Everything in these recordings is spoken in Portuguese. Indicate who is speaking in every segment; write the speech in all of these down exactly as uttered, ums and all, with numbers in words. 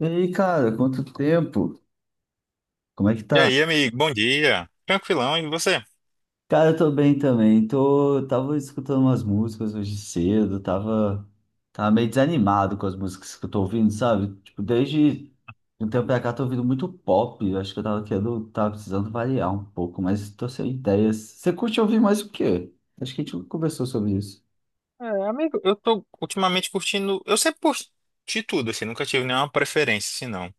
Speaker 1: E aí, cara, quanto tempo? Como é que
Speaker 2: E
Speaker 1: tá?
Speaker 2: aí, amigo, bom dia. Tranquilão, e você?
Speaker 1: Cara, eu tô bem também. Tô, tava escutando umas músicas hoje cedo, tava, tava meio desanimado com as músicas que eu tô ouvindo, sabe? Tipo, desde um tempo pra cá tô ouvindo muito pop. Eu acho que eu tava querendo, tava precisando variar um pouco, mas tô sem ideias. Você curte ouvir mais o quê? Acho que a gente conversou sobre isso.
Speaker 2: É, amigo, eu tô ultimamente curtindo. Eu sempre curti tudo, assim, nunca tive nenhuma preferência, assim, não.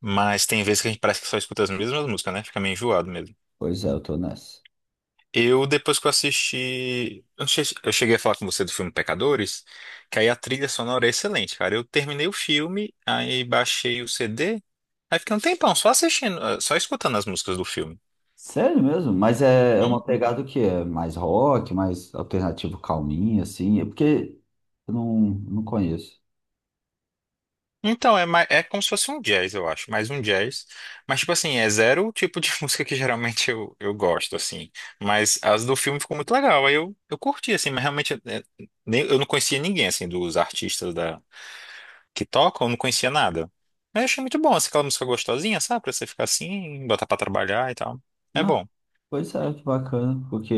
Speaker 2: Mas tem vezes que a gente parece que só escuta as mesmas músicas, né? Fica meio enjoado mesmo.
Speaker 1: Pois é, eu tô nessa.
Speaker 2: Eu, depois que eu assisti. Eu não sei se- eu cheguei a falar com você do filme Pecadores, que aí a trilha sonora é excelente, cara. Eu terminei o filme, aí baixei o C D, aí fiquei um tempão só assistindo, eh, só escutando as músicas do filme.
Speaker 1: Sério mesmo? Mas é, é uma
Speaker 2: Hum.
Speaker 1: pegada que é mais rock, mais alternativo calminho, assim. É porque eu não, não conheço.
Speaker 2: Então, é, mais, é como se fosse um jazz, eu acho, mais um jazz. Mas, tipo assim, é zero o tipo de música que geralmente eu, eu gosto, assim. Mas as do filme ficou muito legal, aí eu, eu curti, assim, mas realmente é, é, nem- eu não conhecia ninguém, assim, dos artistas da, que tocam, eu não conhecia nada. Mas eu achei muito bom, assim, aquela música gostosinha, sabe? Pra você ficar assim, botar pra trabalhar e tal. É
Speaker 1: Ah,
Speaker 2: bom.
Speaker 1: pois é, que bacana. Porque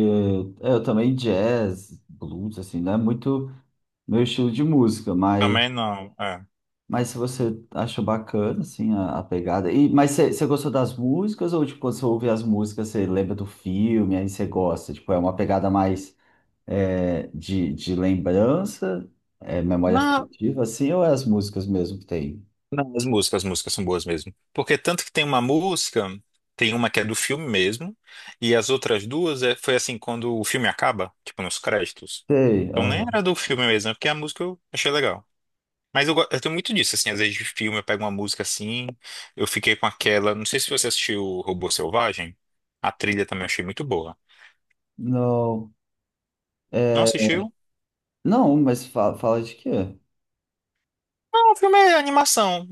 Speaker 1: é, eu também jazz, blues, assim, não é muito meu estilo de música, mas,
Speaker 2: Também não, é.
Speaker 1: mas se você acha bacana, assim, a, a pegada. E, mas você você gostou das músicas ou, tipo, quando você ouve as músicas, você lembra do filme, aí você gosta? Tipo, é uma pegada mais. É, de, de lembrança, é, memória
Speaker 2: Não,
Speaker 1: afetiva, assim, ou é as músicas mesmo que tem?
Speaker 2: não, as músicas, as músicas são boas mesmo. Porque tanto que tem uma música, tem uma que é do filme mesmo, e as outras duas é, foi assim, quando o filme acaba, tipo nos créditos.
Speaker 1: Sei,
Speaker 2: Então nem
Speaker 1: aham.
Speaker 2: era do filme mesmo, é porque a música eu achei legal. Mas eu, go- eu tenho muito disso, assim, às vezes de filme eu pego uma música assim, eu fiquei com aquela. Não sei se você assistiu o Robô Selvagem, a trilha também eu achei muito boa.
Speaker 1: Não,
Speaker 2: Não
Speaker 1: é,
Speaker 2: assistiu?
Speaker 1: não, mas fala, fala de quê?
Speaker 2: Não, o filme é animação,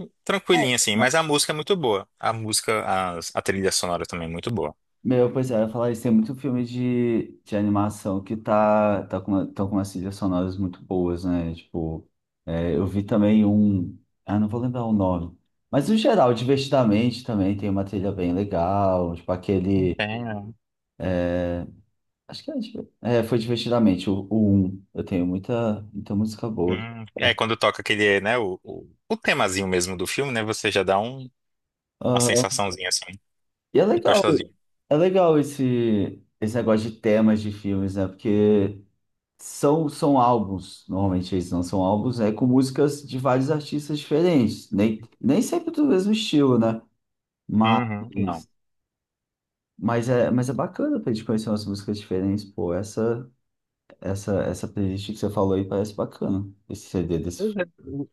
Speaker 1: Ah,
Speaker 2: tranquilinha assim, mas a música é muito boa. A música, a, a trilha sonora também é muito boa.
Speaker 1: meu, pois é, eu ia falar isso, tem muito filme de, de animação que tá, tá com, uma- tão com umas trilhas sonoras muito boas, né? Tipo, é, eu vi também um, ah, não vou lembrar o nome, mas no geral, Divertidamente também tem uma trilha bem legal, tipo aquele.
Speaker 2: Entendo.
Speaker 1: Acho que é, div- é, foi Divertidamente o, o primeiro. Eu tenho muita, muita música boa.
Speaker 2: Hum, é quando toca aquele, né, o, o, o temazinho mesmo do filme, né? Você já dá um, uma
Speaker 1: Ah,
Speaker 2: sensaçãozinha assim,
Speaker 1: e é legal,
Speaker 2: gostosinho.
Speaker 1: é legal esse, esse negócio de temas de filmes, né? Porque são, são álbuns, normalmente eles não são álbuns, né? Com músicas de vários artistas diferentes, nem, nem sempre do mesmo estilo, né? Mas,
Speaker 2: Uhum, não.
Speaker 1: mas, é, mas é bacana pra gente conhecer umas músicas diferentes, pô. Essa, essa, essa playlist que você falou aí parece bacana, esse C D desse.
Speaker 2: Pois é,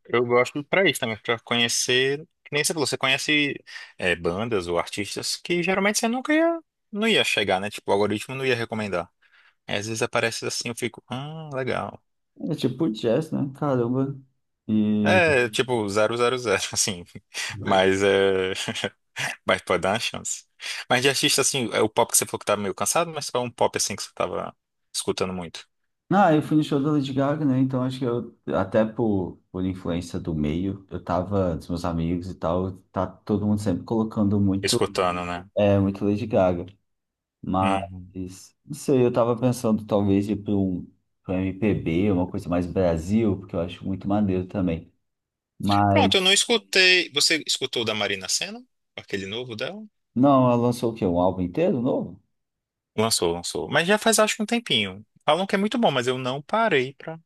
Speaker 2: eu gosto pra isso também, pra conhecer, que nem você falou, você conhece é, bandas ou artistas que geralmente você nunca ia, não ia chegar, né? Tipo, o algoritmo não ia recomendar. Aí, às vezes aparece assim, eu fico, ah, legal.
Speaker 1: É tipo jazz, né? Caramba. E.
Speaker 2: É, tipo, zero zero zero assim, mas é, mas pode dar uma chance. Mas de artista, assim, é o pop que você falou que tá meio cansado, mas qual é um pop, assim, que você tava escutando muito?
Speaker 1: Ah, eu fui no show da Lady Gaga, né? Então acho que eu, até por, por influência do meio, eu tava, dos meus amigos e tal, tá todo mundo sempre colocando muito,
Speaker 2: Escutando, né?
Speaker 1: é, muito Lady Gaga.
Speaker 2: Uhum.
Speaker 1: Mas, não sei, eu tava pensando talvez ir pra um, pra um M P B, uma coisa mais Brasil, porque eu acho muito maneiro também. Mas,
Speaker 2: Pronto, eu não escutei, você escutou o da Marina Sena? Aquele novo dela?
Speaker 1: não, ela lançou o quê? Um álbum inteiro novo?
Speaker 2: Lançou, lançou. Mas já faz acho que um tempinho. Falam que é muito bom, mas eu não parei pra,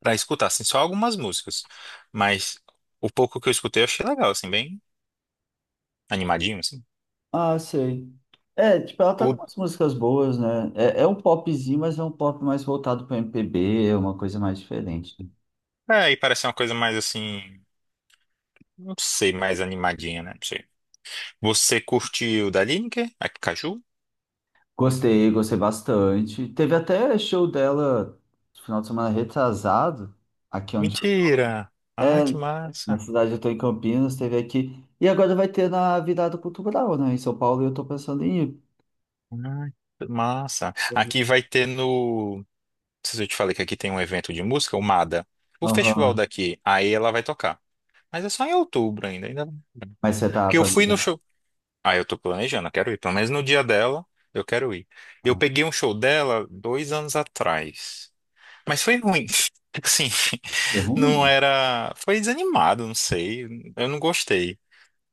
Speaker 2: pra escutar, assim, só algumas músicas. Mas o pouco que eu escutei eu achei legal, assim, bem animadinho, assim.
Speaker 1: Ah, sei. É, tipo, ela tá com
Speaker 2: O-
Speaker 1: umas músicas boas, né? É, é um popzinho, mas é um pop mais voltado pro M P B, é uma coisa mais diferente, né?
Speaker 2: É, e parece uma coisa mais assim, não sei, mais animadinha, né? Não sei. Você curtiu da Lineker? A Caju?
Speaker 1: Gostei, gostei bastante. Teve até show dela no final de semana retrasado, aqui onde eu tô.
Speaker 2: Mentira! Ai,
Speaker 1: É,
Speaker 2: que
Speaker 1: na
Speaker 2: massa!
Speaker 1: cidade eu tô em Campinas, teve aqui. E agora vai ter na Virada Cultural, né? Em São Paulo, e eu tô pensando em ir.
Speaker 2: Ai, que massa! Aqui vai ter no. Não sei se eu te falei que aqui tem um evento de música, o mada. O festival
Speaker 1: Aham.
Speaker 2: daqui, aí ela vai tocar. Mas é só em outubro ainda, ainda.
Speaker 1: Mas você tá
Speaker 2: Porque eu fui no
Speaker 1: planejando.
Speaker 2: show. Ah, eu tô planejando, eu quero ir. Pelo menos no dia dela, eu quero ir. Eu
Speaker 1: Ah,
Speaker 2: peguei um show dela dois anos atrás. Mas foi ruim. Tipo assim,
Speaker 1: foi
Speaker 2: não
Speaker 1: ruim?
Speaker 2: era. Foi desanimado, não sei. Eu não gostei.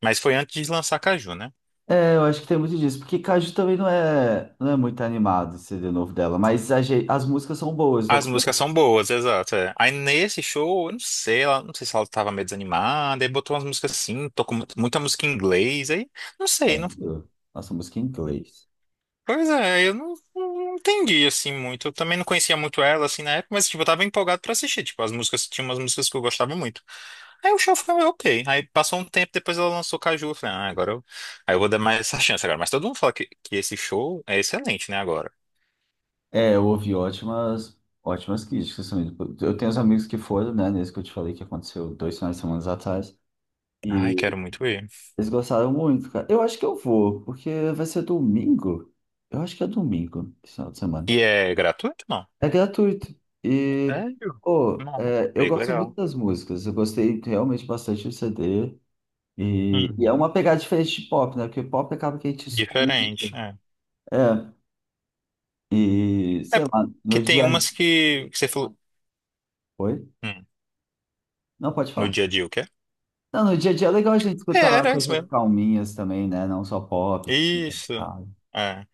Speaker 2: Mas foi antes de lançar Caju, né?
Speaker 1: É, eu acho que tem muito disso, porque Caju também não é, não é muito animado o C D novo dela, mas a ge- as músicas são boas, tô
Speaker 2: As músicas são boas, exato. É. Aí nesse show, eu não sei, ela, não sei se ela tava meio desanimada, aí botou umas músicas assim, tocou mu- muita música em inglês, aí não sei,
Speaker 1: é.
Speaker 2: não.
Speaker 1: Que é? Nossa, música em inglês.
Speaker 2: Pois é, eu não, não entendi assim muito. Eu também não conhecia muito ela assim na época, mas tipo, eu tava empolgado pra assistir, tipo, as músicas, tinha umas músicas que eu gostava muito. Aí o show foi ok. Aí passou um tempo, depois ela lançou Caju, eu falei, ah, agora eu, aí eu vou dar mais essa chance agora. Mas todo mundo fala que, que esse show é excelente, né, agora.
Speaker 1: É, eu ouvi ótimas, ótimas críticas também. Eu tenho uns amigos que foram, né, nesse que eu te falei que aconteceu dois finais de semana atrás, e
Speaker 2: Ai, quero muito ver.
Speaker 1: eles gostaram muito, cara. Eu acho que eu vou, porque vai ser domingo. Eu acho que é domingo, esse final de semana.
Speaker 2: E é gratuito? Não.
Speaker 1: É gratuito. E,
Speaker 2: Sério?
Speaker 1: pô,
Speaker 2: Não.
Speaker 1: é, eu
Speaker 2: Bem que
Speaker 1: gosto muito
Speaker 2: legal.
Speaker 1: das músicas, eu gostei realmente bastante do C D. E, e é
Speaker 2: Uhum.
Speaker 1: uma pegada diferente de pop, né? Porque pop acaba que a gente
Speaker 2: Diferente,
Speaker 1: escuta.
Speaker 2: é.
Speaker 1: É, e
Speaker 2: É
Speaker 1: sei lá,
Speaker 2: porque
Speaker 1: no
Speaker 2: tem
Speaker 1: dia.
Speaker 2: umas que, que você falou,
Speaker 1: Oi?
Speaker 2: hum,
Speaker 1: Não, pode
Speaker 2: no
Speaker 1: falar.
Speaker 2: dia a dia, o quê?
Speaker 1: Não, no dia a dia é legal a gente
Speaker 2: É,
Speaker 1: escutar
Speaker 2: era isso
Speaker 1: coisas
Speaker 2: mesmo.
Speaker 1: calminhas também, né? Não só pop, tipo,
Speaker 2: Isso.
Speaker 1: sabe?
Speaker 2: É.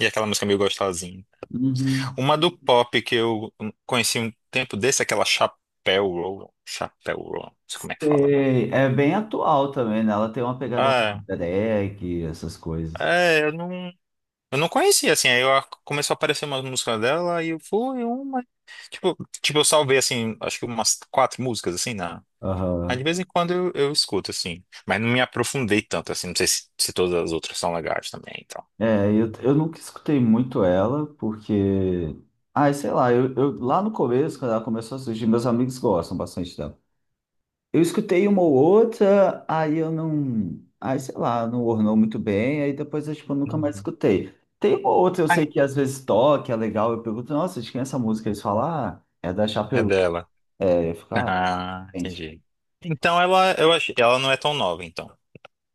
Speaker 2: E aquela música meio gostosinha.
Speaker 1: Uhum.
Speaker 2: Uma do pop que eu conheci um tempo desse, aquela Chapéu Roll. Chapéu Roll, não sei como é que fala.
Speaker 1: Sei. É bem atual também, né? Ela tem uma pegada mais
Speaker 2: Ah,
Speaker 1: drag, essas coisas.
Speaker 2: é, eu não, eu não conhecia, assim. Aí eu, a- começou a aparecer umas músicas dela e eu fui uma. Tipo, tipo, eu salvei, assim, acho que umas quatro músicas, assim. Mas de
Speaker 1: Aham.
Speaker 2: vez em quando eu, eu escuto, assim. Mas não me aprofundei tanto, assim. Não sei se, se todas as outras são legais também, então.
Speaker 1: É, eu, eu nunca escutei muito ela, porque. Ai, sei lá, eu, eu- lá no começo, quando ela começou a surgir, meus amigos gostam bastante dela. Eu escutei uma ou outra, aí eu não. Aí, sei lá, não ornou muito bem, aí depois eu, tipo, nunca mais
Speaker 2: Uhum.
Speaker 1: escutei. Tem uma ou outra, eu
Speaker 2: Ai.
Speaker 1: sei que às vezes toca, é legal, eu pergunto, nossa, de quem é essa música? Eles falam, ah, é da
Speaker 2: É
Speaker 1: Chapeu.
Speaker 2: dela.
Speaker 1: É, eu fico, ah,
Speaker 2: Ah,
Speaker 1: gente.
Speaker 2: entendi. Então ela, eu achei, ela não é tão nova, então.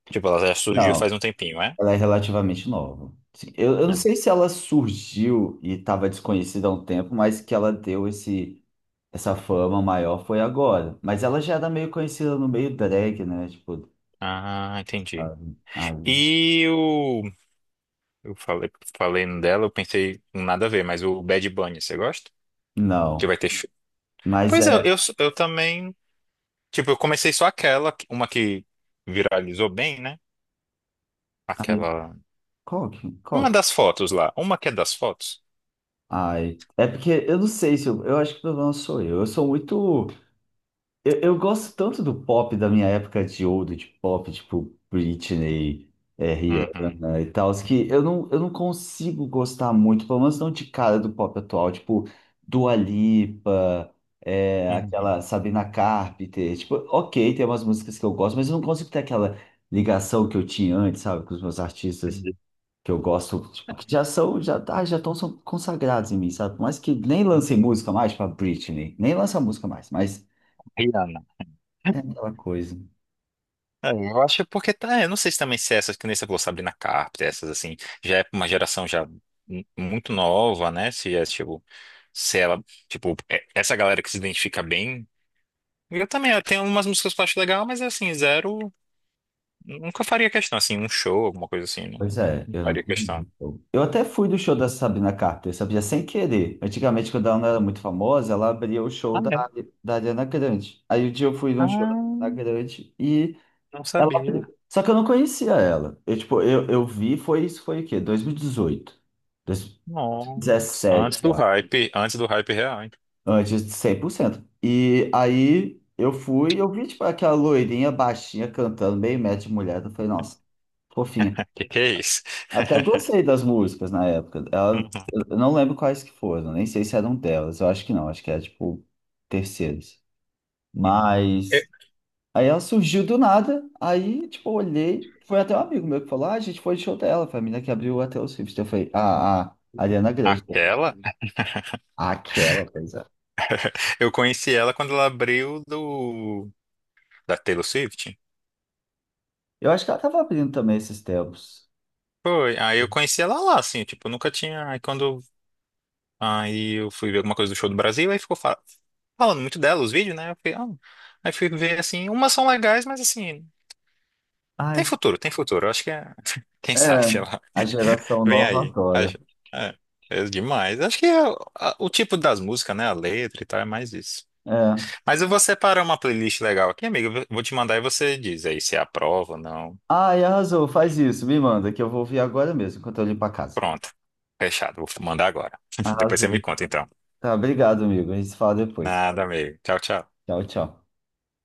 Speaker 2: Tipo, ela já surgiu faz
Speaker 1: Não,
Speaker 2: um tempinho, é?
Speaker 1: ela é relativamente nova. Sim, Eu, eu não
Speaker 2: É.
Speaker 1: sei se ela surgiu e estava desconhecida há um tempo, mas que ela deu esse, essa fama maior foi agora. Mas ela já era meio conhecida no meio drag, né? Tipo,
Speaker 2: Ah, entendi.
Speaker 1: ah,
Speaker 2: E o. Eu falei, falei dela, eu pensei nada a ver, mas o Bad Bunny, você gosta? Que
Speaker 1: não.
Speaker 2: vai ter. sh-
Speaker 1: Mas
Speaker 2: Pois é,
Speaker 1: é.
Speaker 2: eu, eu também. Tipo, eu comecei só aquela, uma que viralizou bem, né? Aquela.
Speaker 1: Qual que?
Speaker 2: Uma
Speaker 1: Qual?
Speaker 2: das fotos lá. Uma que é das fotos.
Speaker 1: Ai, é porque eu não sei se eu, eu acho que o problema sou eu. Eu sou muito. Eu, eu gosto tanto do pop da minha época de ouro, de pop, tipo Britney, é,
Speaker 2: Uhum.
Speaker 1: Rihanna e tal, que eu não, eu não consigo gostar muito, pelo menos não de cara do pop atual, tipo Dua Lipa, é, aquela
Speaker 2: Uhum.
Speaker 1: Sabrina Carpenter. Tipo, ok, tem umas músicas que eu gosto, mas eu não consigo ter aquela ligação que eu tinha antes, sabe, com os meus artistas.
Speaker 2: Entendi.
Speaker 1: Que eu gosto, tipo, que já são, já, ah, já estão são consagrados em mim, sabe? Por mais que nem lancei música mais pra Britney, nem lança música mais, mas
Speaker 2: Rihanna.
Speaker 1: é aquela coisa.
Speaker 2: É, eu acho porque tá, eu não sei se também se é essas que nem você falou, Sabrina Carpenter, essas assim, já é pra uma geração já mu- muito nova, né? Se é tipo, se ela, tipo, é- essa galera que se identifica bem. Eu também, eu tenho umas músicas que eu acho legal, mas assim, zero. Nunca faria questão, assim, um show, alguma coisa assim, não,
Speaker 1: Pois é,
Speaker 2: não
Speaker 1: eu não
Speaker 2: faria
Speaker 1: tive.
Speaker 2: questão.
Speaker 1: Eu até fui do show da Sabrina Carpenter, sabia? Sem querer. Antigamente, quando ela não era muito famosa, ela abria o show
Speaker 2: Ah,
Speaker 1: da,
Speaker 2: é?
Speaker 1: da Ariana Grande. Aí um dia eu fui num show da
Speaker 2: Ah,
Speaker 1: Ariana Grande e
Speaker 2: não
Speaker 1: ela abriu.
Speaker 2: sabia.
Speaker 1: Só que eu não conhecia ela. Eu, tipo, eu, eu vi, foi isso, foi o quê? dois mil e dezoito,
Speaker 2: Nossa. Antes
Speaker 1: dezessete.
Speaker 2: do hype, antes do hype real, hein?
Speaker 1: Antes de cem por cento. E aí eu fui e eu vi, tipo, aquela loirinha baixinha cantando, meio metro de mulher. Eu falei, nossa, fofinha.
Speaker 2: Que que é isso?
Speaker 1: Até gostei das músicas na época. Ela, eu não lembro quais que foram, nem sei se eram delas. Eu acho que não, acho que era, tipo, terceiras.
Speaker 2: Uhum. Eu-
Speaker 1: Mas aí ela surgiu do nada, aí, tipo, eu olhei. Foi até um amigo meu que falou, ah, a gente foi de show dela, foi a menina que abriu até o Swift. Eu falei, ah, a a Ariana Grande. Eu falei,
Speaker 2: Aquela?
Speaker 1: aquela, pois é.
Speaker 2: Eu conheci ela quando ela abriu do da Taylor Swift.
Speaker 1: Eu acho que ela tava abrindo também esses tempos.
Speaker 2: Foi, aí eu conheci ela lá, assim, tipo, eu nunca tinha. Aí quando aí eu fui ver alguma coisa do show do Brasil, aí ficou fa- falando muito dela, os vídeos, né? Eu fiquei, ah. Aí fui ver assim, umas são legais, mas assim,
Speaker 1: Ah,
Speaker 2: tem futuro, tem futuro. Eu acho que é. Quem
Speaker 1: é,
Speaker 2: sabe ela
Speaker 1: a geração
Speaker 2: vem
Speaker 1: nova
Speaker 2: aí.
Speaker 1: adora.
Speaker 2: Acho... É, é demais. Acho que é o a- o tipo das músicas, né? A letra e tal, é mais isso.
Speaker 1: É.
Speaker 2: Mas eu vou separar uma playlist legal aqui, amigo. Eu vou te mandar e você diz aí se aprova ou não.
Speaker 1: Ai, arrasou, faz isso, me manda, que eu vou ouvir agora mesmo, enquanto eu limpo a casa.
Speaker 2: Pronto. Fechado. Vou mandar agora. Depois você me
Speaker 1: Arrasou.
Speaker 2: conta, então.
Speaker 1: Tá, obrigado, amigo. A gente se fala depois.
Speaker 2: Nada, amigo. Tchau, tchau.
Speaker 1: Tchau, tchau.